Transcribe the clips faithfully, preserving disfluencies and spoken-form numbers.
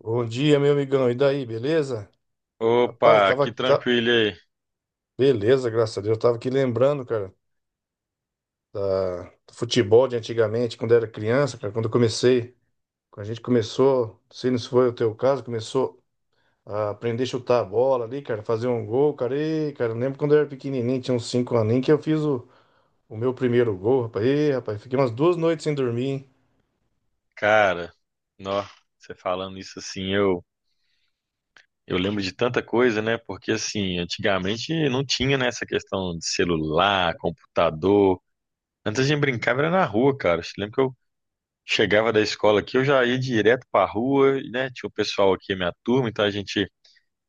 Bom dia, meu amigão. E daí, beleza? Rapaz, Opa, tava. que tá- tranquilo aí. Beleza, graças a Deus. Eu tava aqui lembrando, cara, da- do futebol de antigamente, quando era criança, cara, quando eu comecei. Quando a gente começou, não sei se foi o teu caso, começou a aprender a chutar a bola ali, cara, fazer um gol, cara. E, cara, eu lembro quando eu era pequenininho, tinha uns cinco aninhos, que eu fiz o, o meu primeiro gol, rapaz. E, rapaz, fiquei umas duas noites sem dormir, hein? Cara, nó, você falando isso assim, eu, eu lembro de tanta coisa, né? Porque assim, antigamente não tinha, né, essa questão de celular, computador. Antes a gente brincava era na rua, cara. Eu lembro que eu chegava da escola aqui, eu já ia direto pra rua, e, né? Tinha o pessoal aqui, a minha turma, então a gente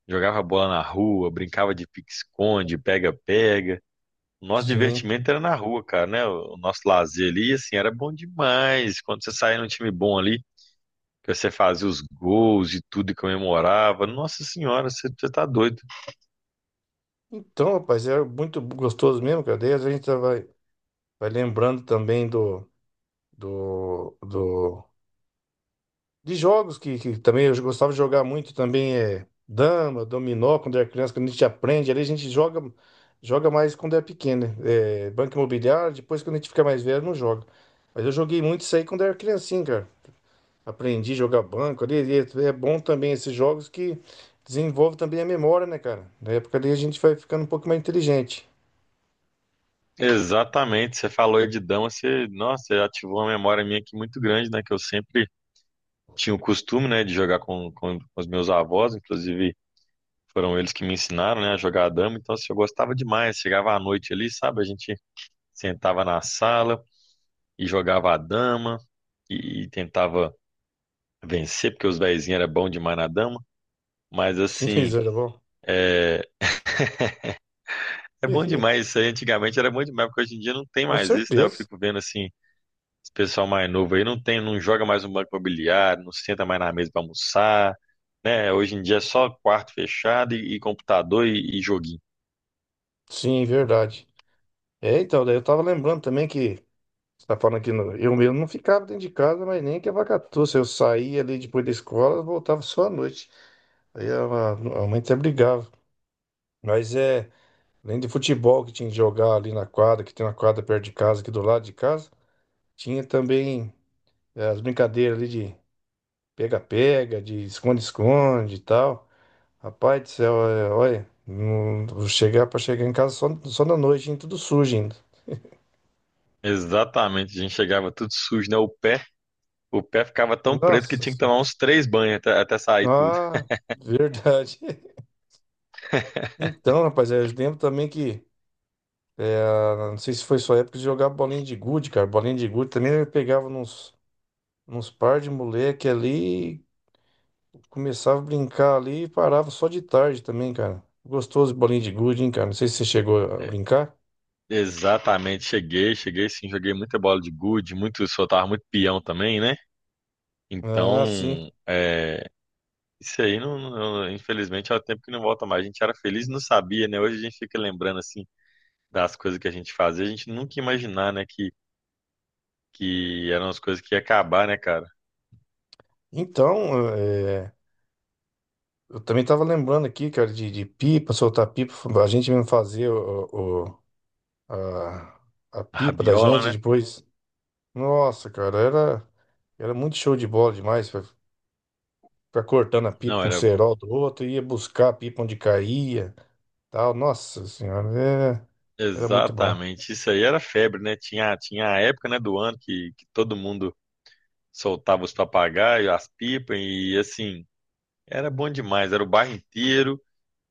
jogava bola na rua, brincava de pique-esconde, pega-pega. O nosso Sim. divertimento era na rua, cara, né? O o nosso lazer ali, assim, era bom demais. Quando você saía num time bom ali, que você fazia os gols e tudo e comemorava. Nossa senhora, você, você tá doido. Então, rapaz, era muito gostoso mesmo, cara. Daí a gente vai, vai lembrando também do. Do, do de jogos que, que também eu gostava de jogar muito também é dama, dominó, quando era criança, quando a gente aprende, ali a gente joga, joga mais quando é pequeno, né? É, banco imobiliário, depois quando a gente fica mais velho, não joga. Mas eu joguei muito isso aí quando era criancinha, cara. Aprendi a jogar banco ali, e é é bom também esses jogos que desenvolve também a memória, né, cara? Na época ali a gente vai ficando um pouco mais inteligente. Exatamente, você falou aí de dama, você, nossa, você ativou uma memória minha aqui muito grande, né? Que eu sempre tinha o costume, né, de jogar com, com, os meus avós, inclusive foram eles que me ensinaram, né, a jogar dama. Então, assim, eu gostava demais. Chegava à noite ali, sabe? A gente sentava na sala e jogava a dama e, e tentava vencer, porque os vezinhos eram bons demais na dama. Mas, Sim, assim, isso era bom. é, é bom demais isso aí. Antigamente era bom demais, porque hoje em dia não tem Com mais isso, né? Eu certeza. fico vendo assim, esse pessoal mais novo aí não tem, não joga mais um banco imobiliário, não senta mais na mesa para almoçar, né? Hoje em dia é só quarto fechado e, e computador e, e joguinho. Sim, verdade. É, então, daí eu tava lembrando também que você tá falando que no- eu mesmo não ficava dentro de casa, mas nem que a vaca tussa. Eu saía ali depois da escola, voltava só à noite. Aí a, a mãe até brigava. Mas é, além de futebol que tinha que jogar ali na quadra, que tem uma quadra perto de casa, aqui do lado de casa, tinha também é, as brincadeiras ali de pega-pega, de esconde-esconde e tal. Rapaz do céu, é, olha, não, vou chegar para chegar em casa só, só na noite, hein, tudo sujo ainda. Exatamente, a gente chegava tudo sujo, né? O pé, o pé ficava tão preto que Nossa tinha que senhora. tomar uns três banhos até, até sair tudo. Ah, verdade. Então, rapaz, eu lembro também que, ah, não sei se foi sua época de jogar bolinha de gude, cara. Bolinha de gude também eu pegava nos, nos par de moleque ali, começava a brincar ali e parava só de tarde também, cara. Gostoso bolinha de gude, hein, cara. Não sei se você chegou a É, brincar. exatamente, cheguei, cheguei sim, joguei muita bola de gude, muito, soltava muito peão também, né? Ah, sim. Então, é, Isso aí, não, não- infelizmente, é o tempo que não volta mais. A gente era feliz e não sabia, né? Hoje a gente fica lembrando, assim, das coisas que a gente fazia. A gente nunca ia imaginar, né, que, que eram as coisas que ia acabar, né, cara? Então, eh, eu também tava lembrando aqui, cara, de, de pipa, soltar pipa. A gente mesmo fazia o, o- a, a A pipa da rabiola, gente né? depois. Nossa, cara, era. Era muito show de bola demais. Ficar cortando a pipa Não, com o era... bo- cerol do outro, ia buscar a pipa onde caía, tal. Nossa senhora, é, era muito bom. Exatamente. Isso aí era febre, né? Tinha, tinha a época, né, do ano que, que todo mundo soltava os papagaios, as pipas e, assim, era bom demais. Era o bairro inteiro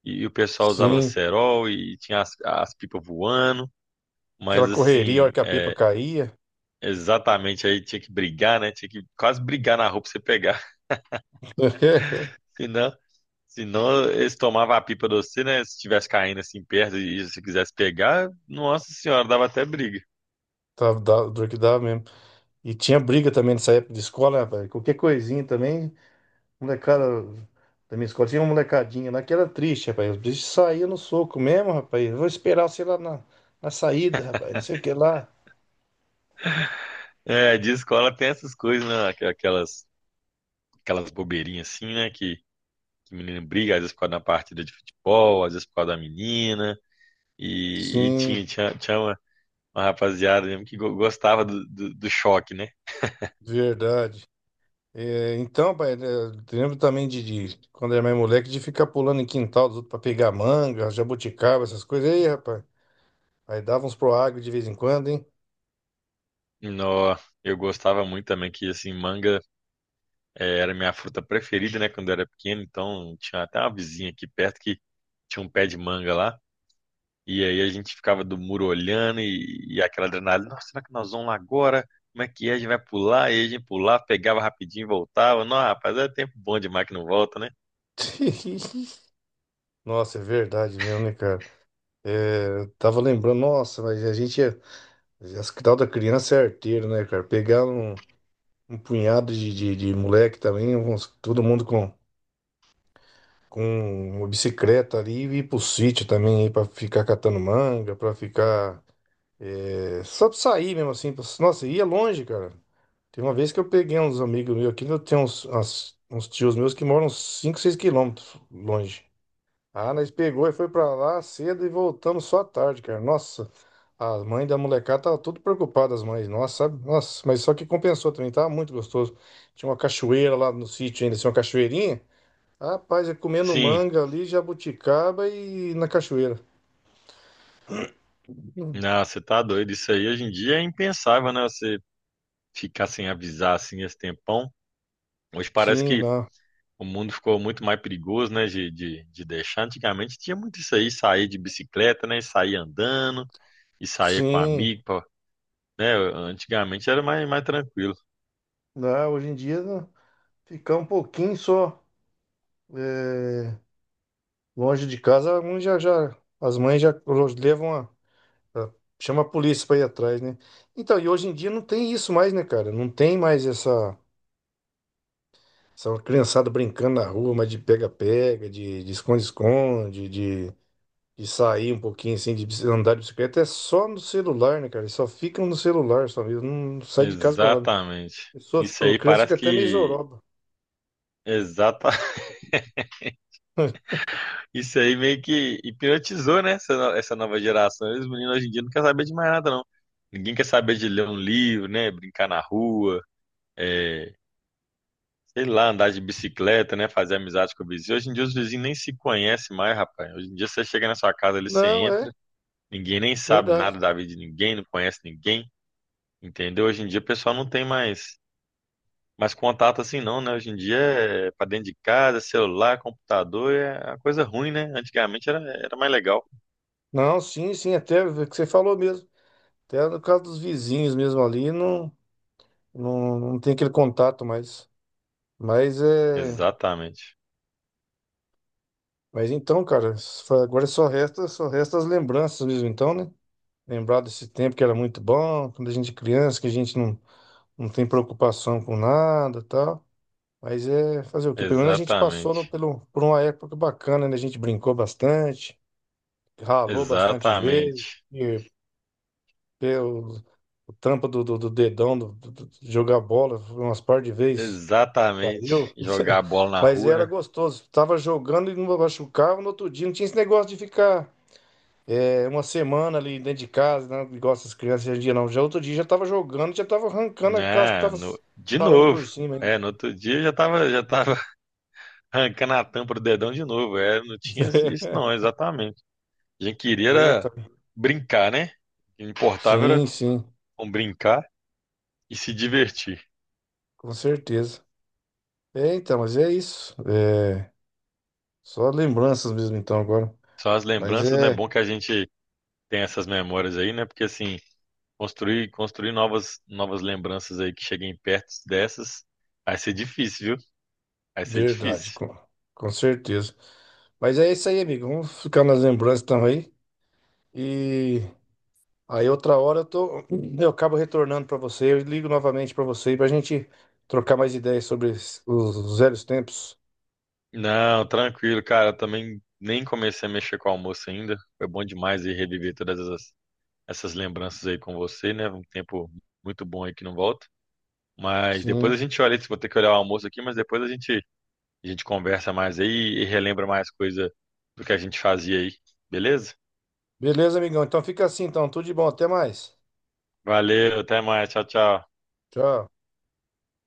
e, e o pessoal usava Sim, cerol e tinha as, as pipas voando. Mas, aquela correria, a hora assim... que a pipa é, caía, Exatamente, aí tinha que brigar, né? Tinha que quase brigar na rua pra você pegar. Senão, senão eles tomavam a pipa de você, né? Se estivesse caindo assim perto e se quisesse pegar, nossa senhora, dava até briga. tava da- dor que dava mesmo. E tinha briga também nessa época de escola, né, rapaz? Qualquer coisinha também, molecada da minha escola, tinha uma molecadinha lá que era triste, rapaz. Os bichos saíam no soco mesmo, rapaz. Eu vou esperar, sei lá, na, na saída, rapaz, não sei o que lá. É, de escola tem essas coisas, né? Aqu- Aquelas, aquelas bobeirinhas assim, né? Que, que menino briga, às vezes por causa da partida de futebol, às vezes por causa da menina. E, e Sim, tinha, tinha, tinha uma, uma rapaziada mesmo que go- gostava do, do, do choque, né? verdade. É, então, pai, né, eu lembro também de, de quando era mais moleque, de ficar pulando em quintal dos outros pra pegar manga, jabuticaba, essas coisas. E aí, rapaz, aí dava uns pro agro de vez em quando, hein? Nó, eu gostava muito também que, assim, manga. É, era minha fruta preferida, né, quando eu era pequeno. Então tinha até uma vizinha aqui perto que tinha um pé de manga lá. E aí a gente ficava do muro olhando e, e aquela adrenalina. Nossa, será que nós vamos lá agora? Como é que é? A gente vai pular? E a gente pulava, pegava rapidinho e voltava. Não, rapaz, é tempo bom demais que não volta, né? Nossa, é verdade mesmo, né, cara? É, eu tava lembrando, nossa, mas a gente é. As que tal da criança é arteiro, né, cara? Pegar um, um punhado de, de, de moleque também, uns- todo mundo com, com uma bicicleta ali e ir pro sítio também, aí pra ficar catando manga, pra ficar. É, só pra sair mesmo assim. pra- Nossa, ia longe, cara. Tem uma vez que eu peguei uns amigos meus aqui, eu tenho uns, umas- uns tios meus que moram uns cinco, seis quilômetros longe. Ah, nós pegou e foi pra lá cedo e voltamos só à tarde, cara. Nossa, as mães da molecada tava tudo preocupadas, as mães. Nossa, sabe? Nossa, mas só que compensou também, tava muito gostoso. Tinha uma cachoeira lá no sítio ainda, tinha uma cachoeirinha. Rapaz, ia comendo Sim, manga ali, jabuticaba e na cachoeira. Hum, não, você tá doido. Isso aí hoje em dia é impensável, né? Você ficar sem avisar assim esse tempão. Hoje parece Sim, que não. o mundo ficou muito mais perigoso, né, de, de, de deixar. Antigamente tinha muito isso aí, sair de bicicleta, né, e sair andando, e sair com Sim. amigo, pra- né, antigamente era mais, mais tranquilo. Não, hoje em dia. Não. Ficar um pouquinho só é, longe de casa, alguns já, já, as mães já levam a, a- chama a polícia para ir atrás, né? Então, e hoje em dia não tem isso mais, né, cara? Não tem mais essa, essa criançada brincando na rua, mas de pega-pega, de de esconde-esconde, de, de sair um pouquinho assim, de bici- andar de bicicleta. É só no celular, né, cara? Eles só ficam no celular, só mesmo. Não sai de casa para nada. Exatamente. A pessoa, Isso fica- a aí criança fica parece até meio que, zoroba. exata, isso aí meio que hipnotizou, né, essa, no- essa nova geração. E os meninos hoje em dia não querem saber de mais nada, não. Ninguém quer saber de ler um livro, né, brincar na rua, eh, sei lá, andar de bicicleta, né? Fazer amizade com o vizinho. Hoje em dia os vizinhos nem se conhecem mais, rapaz. Hoje em dia você chega na sua casa ali, você Não, é entra, ninguém nem sabe verdade. nada da vida de ninguém, não conhece ninguém, entendeu? Hoje em dia o pessoal não tem mais, mais contato assim não, né? Hoje em dia é pra dentro de casa, celular, computador, é uma coisa ruim, né? Antigamente era, era mais legal. Não, sim, sim, até o que você falou mesmo. Até no caso dos vizinhos mesmo ali, não, não, não tem aquele contato mais. Mas é. Exatamente, Mas então, cara, só- agora só resta, só resta as lembranças mesmo, então, né? Lembrar desse tempo que era muito bom, quando a gente é criança, que a gente não, não tem preocupação com nada e tal. Mas é fazer o quê? Pelo menos a gente passou no- exatamente, pelo, por uma época bacana, né? A gente brincou bastante, ralou bastante joelho, exatamente, e pelo, o trampo do, do, do dedão, do, do- do- de jogar bola, umas par de vezes. exatamente. Saiu? Jogar a bola na Mas rua, era né? gostoso. Tava jogando e não machucava no outro dia. Não tinha esse negócio de ficar é, uma semana ali dentro de casa, né? Igual essas crianças hoje em dia, não. Já outro dia já tava jogando, já tava arrancando a casca que né tava no- de parando por novo. cima ainda. É, no outro dia já tava, já tava arrancando a tampa do dedão de novo. É, não tinha isso não, exatamente. A gente queria Eita. era brincar, né? O que importava era Sim, sim, bom, brincar e se divertir. com certeza. É, então, mas é isso. É, só lembranças mesmo, então, agora. São as Mas lembranças, né? É é bom que a gente tem essas memórias aí, né? Porque assim, construir, construir novas, novas lembranças aí que cheguem perto dessas, vai ser difícil, viu? Vai ser verdade, difícil. com, com certeza. Mas é isso aí, amigo. Vamos ficar nas lembranças então aí. E. Aí outra hora eu tô, eu acabo retornando para você, eu ligo novamente para você para a gente trocar mais ideias sobre os, os velhos tempos. Não, tranquilo, cara. Eu também nem comecei a mexer com o almoço ainda. Foi bom demais ir reviver todas essas, essas lembranças aí com você, né? Um tempo muito bom aí que não volta. Mas depois a Sim. gente olha, vou ter que olhar o almoço aqui, mas depois a gente, a gente conversa mais aí e relembra mais coisa do que a gente fazia aí. Beleza? Beleza, amigão? Então fica assim, então. Tudo de bom, até mais. Valeu, até mais. Tchau, tchau. Tchau.